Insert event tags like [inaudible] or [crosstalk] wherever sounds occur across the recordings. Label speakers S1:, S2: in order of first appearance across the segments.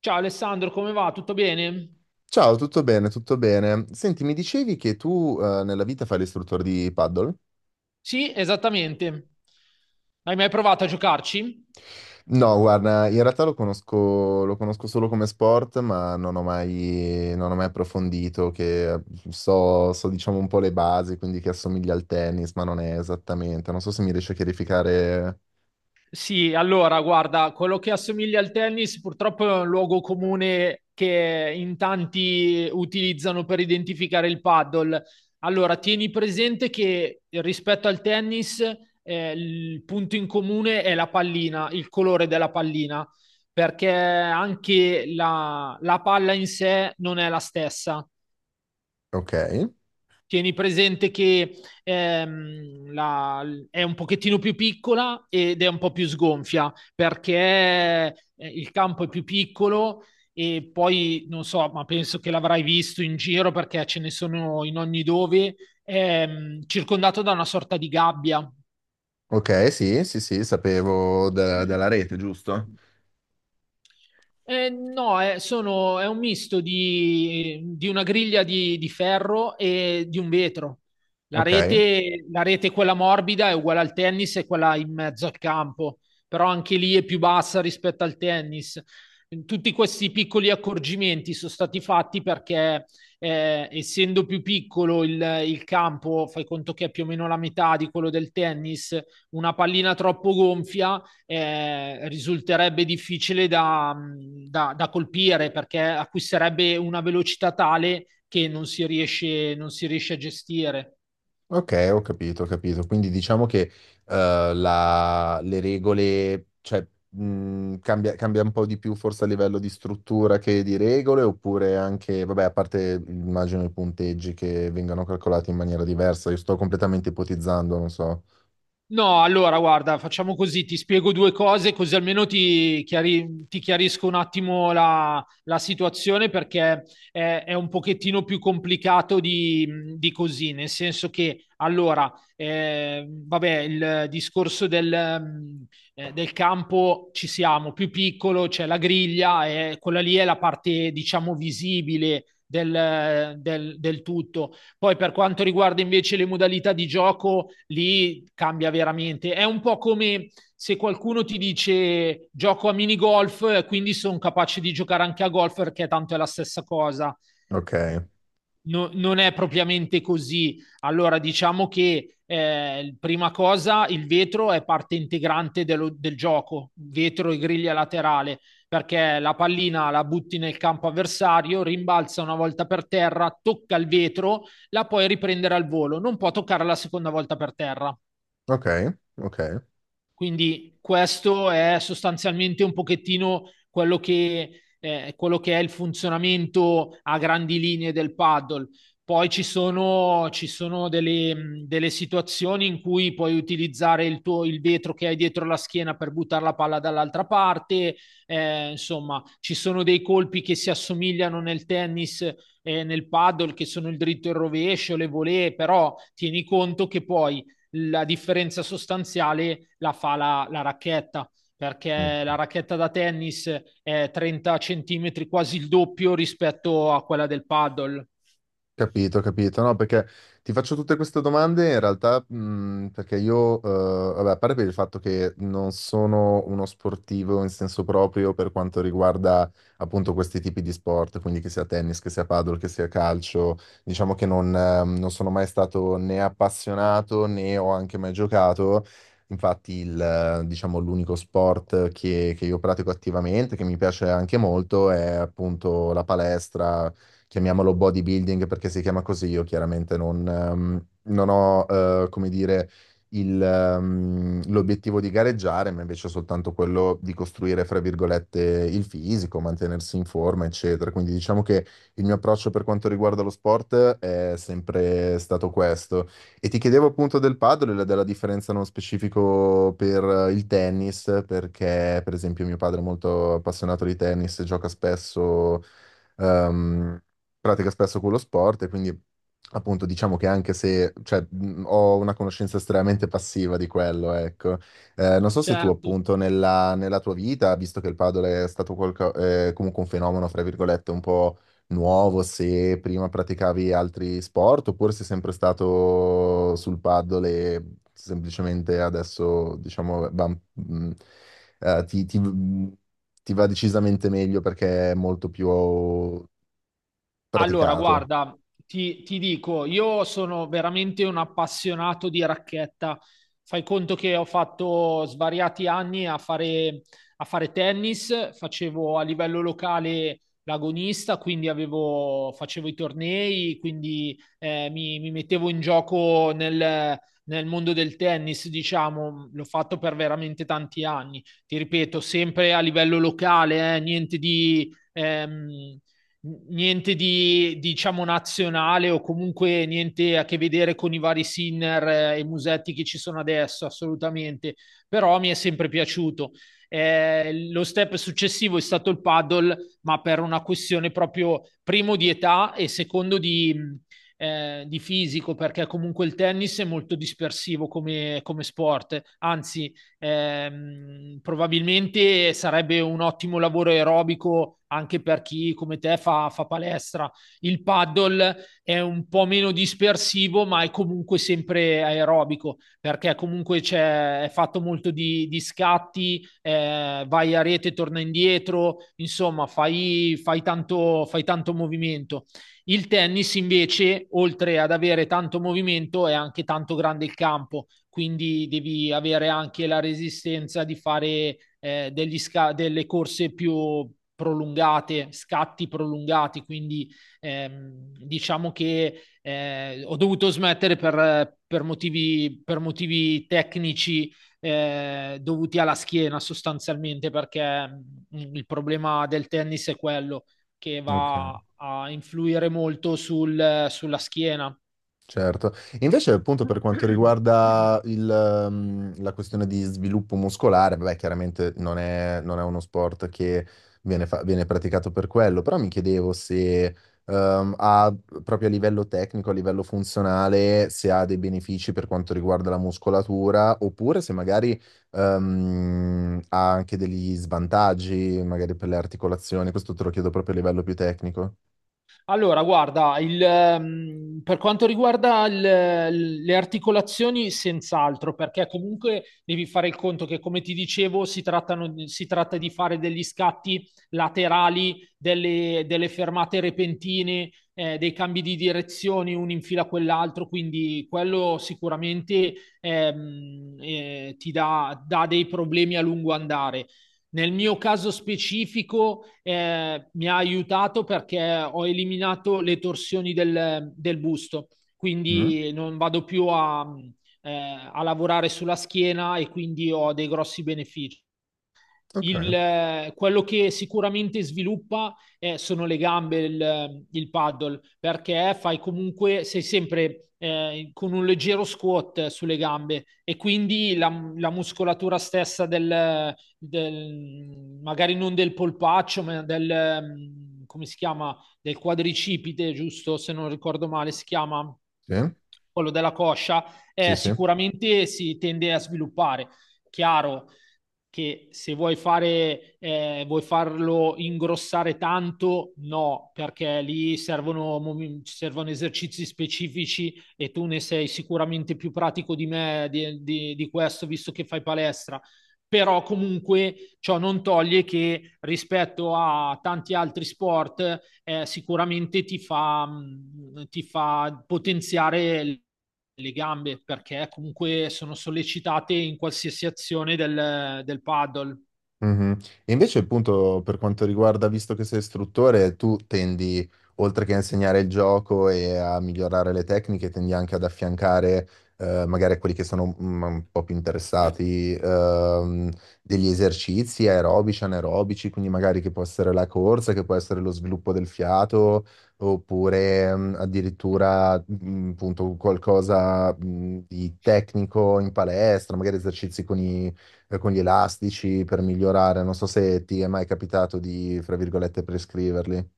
S1: Ciao Alessandro, come va? Tutto bene?
S2: Ciao, tutto bene, tutto bene. Senti, mi dicevi che tu nella vita fai l'istruttore di paddle?
S1: Sì, esattamente. Hai mai provato a giocarci?
S2: No, guarda, in realtà lo conosco solo come sport, ma non ho mai approfondito, che so diciamo un po' le basi, quindi che assomiglia al tennis, ma non è esattamente. Non so se mi riesci a chiarificare.
S1: Sì, allora, guarda, quello che assomiglia al tennis purtroppo è un luogo comune che in tanti utilizzano per identificare il paddle. Allora, tieni presente che rispetto al tennis, il punto in comune è la pallina, il colore della pallina, perché anche la palla in sé non è la stessa.
S2: Ok,
S1: Tieni presente che è un pochettino più piccola ed è un po' più sgonfia perché il campo è più piccolo e poi non so, ma penso che l'avrai visto in giro perché ce ne sono in ogni dove, circondato da una sorta di gabbia.
S2: ok, sì, sì, sì, sapevo della rete, giusto?
S1: No, è un misto di una griglia di ferro e di un vetro.
S2: Ok.
S1: La rete, quella morbida, è uguale al tennis e quella in mezzo al campo, però anche lì è più bassa rispetto al tennis. Tutti questi piccoli accorgimenti sono stati fatti perché, essendo più piccolo il campo, fai conto che è più o meno la metà di quello del tennis, una pallina troppo gonfia risulterebbe difficile da, da, da, colpire perché acquisterebbe una velocità tale che non si riesce a gestire.
S2: Ok, ho capito, ho capito. Quindi diciamo che le regole, cioè, cambia un po' di più forse a livello di struttura che di regole, oppure anche, vabbè, a parte immagino i punteggi che vengano calcolati in maniera diversa, io sto completamente ipotizzando, non so.
S1: No, allora guarda, facciamo così, ti spiego due cose così almeno ti chiarisco un attimo la, la situazione perché è un pochettino più complicato di così, nel senso che allora, vabbè, il discorso del campo ci siamo, più piccolo, c'è la griglia, quella lì è la parte diciamo visibile del tutto. Poi per quanto riguarda invece le modalità di gioco, lì cambia veramente. È un po' come se qualcuno ti dice gioco a minigolf, quindi sono capace di giocare anche a golf perché tanto è la stessa cosa.
S2: Ok,
S1: Non è propriamente così. Allora, diciamo che prima cosa il vetro è parte integrante del gioco, vetro e griglia laterale, perché la pallina la butti nel campo avversario, rimbalza una volta per terra, tocca il vetro, la puoi riprendere al volo, non può toccare la seconda volta per terra.
S2: ok, ok.
S1: Quindi questo è sostanzialmente un pochettino quello che è il funzionamento a grandi linee del paddle. Poi ci sono delle, delle situazioni in cui puoi utilizzare il vetro che hai dietro la schiena per buttare la palla dall'altra parte, insomma, ci sono dei colpi che si assomigliano nel tennis e nel paddle, che sono il dritto e il rovescio, le volée, però tieni conto che poi la differenza sostanziale la fa la racchetta, perché la racchetta da tennis è 30 centimetri, quasi il doppio rispetto a quella del paddle.
S2: Capito, capito, no, perché ti faccio tutte queste domande in realtà perché io, vabbè, a parte per il fatto che non sono uno sportivo in senso proprio per quanto riguarda appunto questi tipi di sport, quindi che sia tennis, che sia paddle, che sia calcio, diciamo che non sono mai stato né appassionato né ho anche mai giocato. Infatti, diciamo, l'unico sport che io pratico attivamente, che mi piace anche molto, è appunto la palestra, chiamiamolo bodybuilding perché si chiama così. Io chiaramente non ho, come dire, l'obiettivo di gareggiare, ma invece soltanto quello di costruire, fra virgolette, il fisico, mantenersi in forma, eccetera. Quindi diciamo che il mio approccio per quanto riguarda lo sport è sempre stato questo. E ti chiedevo appunto del padel e della differenza nello specifico per il tennis, perché per esempio mio padre è molto appassionato di tennis, gioca spesso, ehm, pratica spesso quello sport e quindi appunto diciamo che, anche se cioè, ho una conoscenza estremamente passiva di quello, ecco. Non so se tu
S1: Certo.
S2: appunto nella, tua vita, visto che il padel è stato comunque un fenomeno, fra virgolette, un po' nuovo, se prima praticavi altri sport oppure sei sempre stato sul padel e semplicemente adesso diciamo eh, ti ti- mh, ti va decisamente meglio perché è molto più
S1: Allora,
S2: praticato.
S1: guarda, ti dico, io sono veramente un appassionato di racchetta. Fai conto che ho fatto svariati anni a fare tennis, facevo a livello locale l'agonista, quindi facevo i tornei, quindi mi mettevo in gioco nel mondo del tennis, diciamo, l'ho fatto per veramente tanti anni. Ti ripeto, sempre a livello locale, niente di... niente di diciamo nazionale o comunque niente a che vedere con i vari Sinner e Musetti che ci sono adesso, assolutamente, però mi è sempre piaciuto. Lo step successivo è stato il paddle, ma per una questione proprio primo di età e secondo di fisico, perché comunque il tennis è molto dispersivo come, come sport, anzi probabilmente sarebbe un ottimo lavoro aerobico anche per chi come te fa, fa, palestra. Il paddle è un po' meno dispersivo, ma è comunque sempre aerobico, perché comunque è fatto molto di scatti, vai a rete, torna indietro, insomma, fai, fai tanto movimento. Il tennis invece, oltre ad avere tanto movimento, è anche tanto grande il campo, quindi devi avere anche la resistenza di fare delle corse più prolungate, scatti prolungati, quindi diciamo che ho dovuto smettere per motivi tecnici, dovuti alla schiena sostanzialmente, perché il problema del tennis è quello che
S2: Ok,
S1: va a influire molto sulla schiena.
S2: certo. Invece, appunto, per quanto riguarda
S1: [clears throat] [laughs]
S2: la questione di sviluppo muscolare, beh, chiaramente non è uno sport che viene praticato per quello, però mi chiedevo se, ehm, ha, proprio a livello tecnico, a livello funzionale, se ha dei benefici per quanto riguarda la muscolatura, oppure se magari, ha anche degli svantaggi, magari per le articolazioni. Questo te lo chiedo proprio a livello più tecnico.
S1: Allora, guarda, per quanto riguarda le articolazioni, senz'altro, perché comunque devi fare il conto che, come ti dicevo, si tratta di fare degli scatti laterali, delle, delle fermate repentine, dei cambi di direzioni, uno in fila a quell'altro, quindi quello sicuramente ti dà dei problemi a lungo andare. Nel mio caso specifico mi ha aiutato perché ho eliminato le torsioni del busto,
S2: Mm?
S1: quindi non vado più a, eh, a lavorare sulla schiena e quindi ho dei grossi benefici.
S2: Ok,
S1: Quello che sicuramente sviluppa sono le gambe, il paddle, perché fai comunque, sei sempre con un leggero squat sulle gambe e quindi la muscolatura stessa magari non del polpaccio, ma come si chiama, del quadricipite, giusto? Se non ricordo male, si chiama
S2: sì,
S1: quello della coscia,
S2: sì, sì.
S1: sicuramente si tende a sviluppare. Chiaro che se vuoi, fare, vuoi farlo ingrossare tanto, no, perché lì servono, servono esercizi specifici e tu ne sei sicuramente più pratico di me di, di questo, visto che fai palestra. Però comunque ciò non toglie che rispetto a tanti altri sport sicuramente ti fa, ti fa potenziare le gambe perché comunque sono sollecitate in qualsiasi azione del paddle.
S2: Mhm. E invece, appunto, per quanto riguarda, visto che sei istruttore, tu tendi, oltre che a insegnare il gioco e a migliorare le tecniche, tendi anche ad affiancare, magari a quelli che sono un po' più interessati, degli esercizi aerobici, anaerobici, quindi magari che può essere la corsa, che può essere lo sviluppo del fiato, oppure, addirittura, appunto, qualcosa, di tecnico in palestra, magari esercizi con gli elastici per migliorare. Non so se ti è mai capitato di, fra virgolette, prescriverli.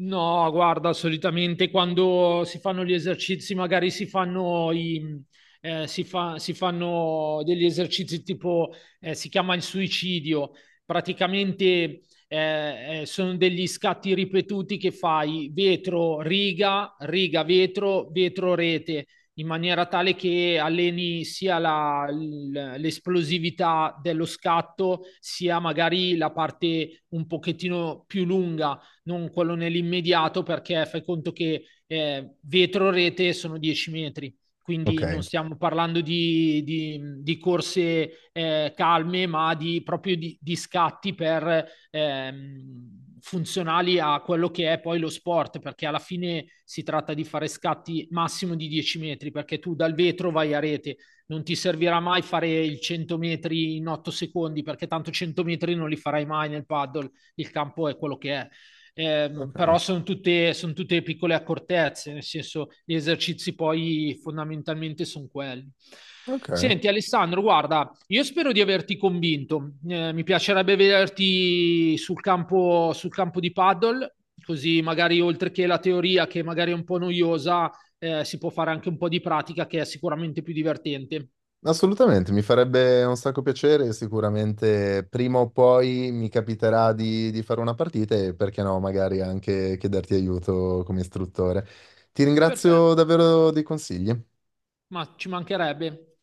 S1: No, guarda, solitamente quando si fanno gli esercizi, magari si fanno degli esercizi tipo, si chiama il suicidio, praticamente sono degli scatti ripetuti che fai vetro, riga, riga, vetro, vetro, rete, in maniera tale che alleni sia l'esplosività dello scatto, sia magari la parte un pochettino più lunga, non quello nell'immediato, perché fai conto che vetro rete sono 10 metri.
S2: Ok,
S1: Quindi non stiamo parlando di corse calme, ma di, proprio di scatti per, funzionali a quello che è poi lo sport, perché alla fine si tratta di fare scatti massimo di 10 metri, perché tu dal vetro vai a rete, non ti servirà mai fare il 100 metri in 8 secondi, perché tanto 100 metri non li farai mai nel paddle, il campo è quello che è.
S2: ok,
S1: Però sono tutte piccole accortezze, nel senso gli esercizi poi fondamentalmente sono quelli.
S2: ok.
S1: Senti Alessandro, guarda, io spero di averti convinto. Mi piacerebbe vederti sul campo di paddle, così magari oltre che la teoria che magari è un po' noiosa, si può fare anche un po' di pratica che è sicuramente più divertente.
S2: Assolutamente, mi farebbe un sacco piacere, sicuramente prima o poi mi capiterà di fare una partita e perché no, magari anche chiederti aiuto come istruttore. Ti ringrazio
S1: Perfetto,
S2: davvero dei consigli.
S1: ma ci mancherebbe.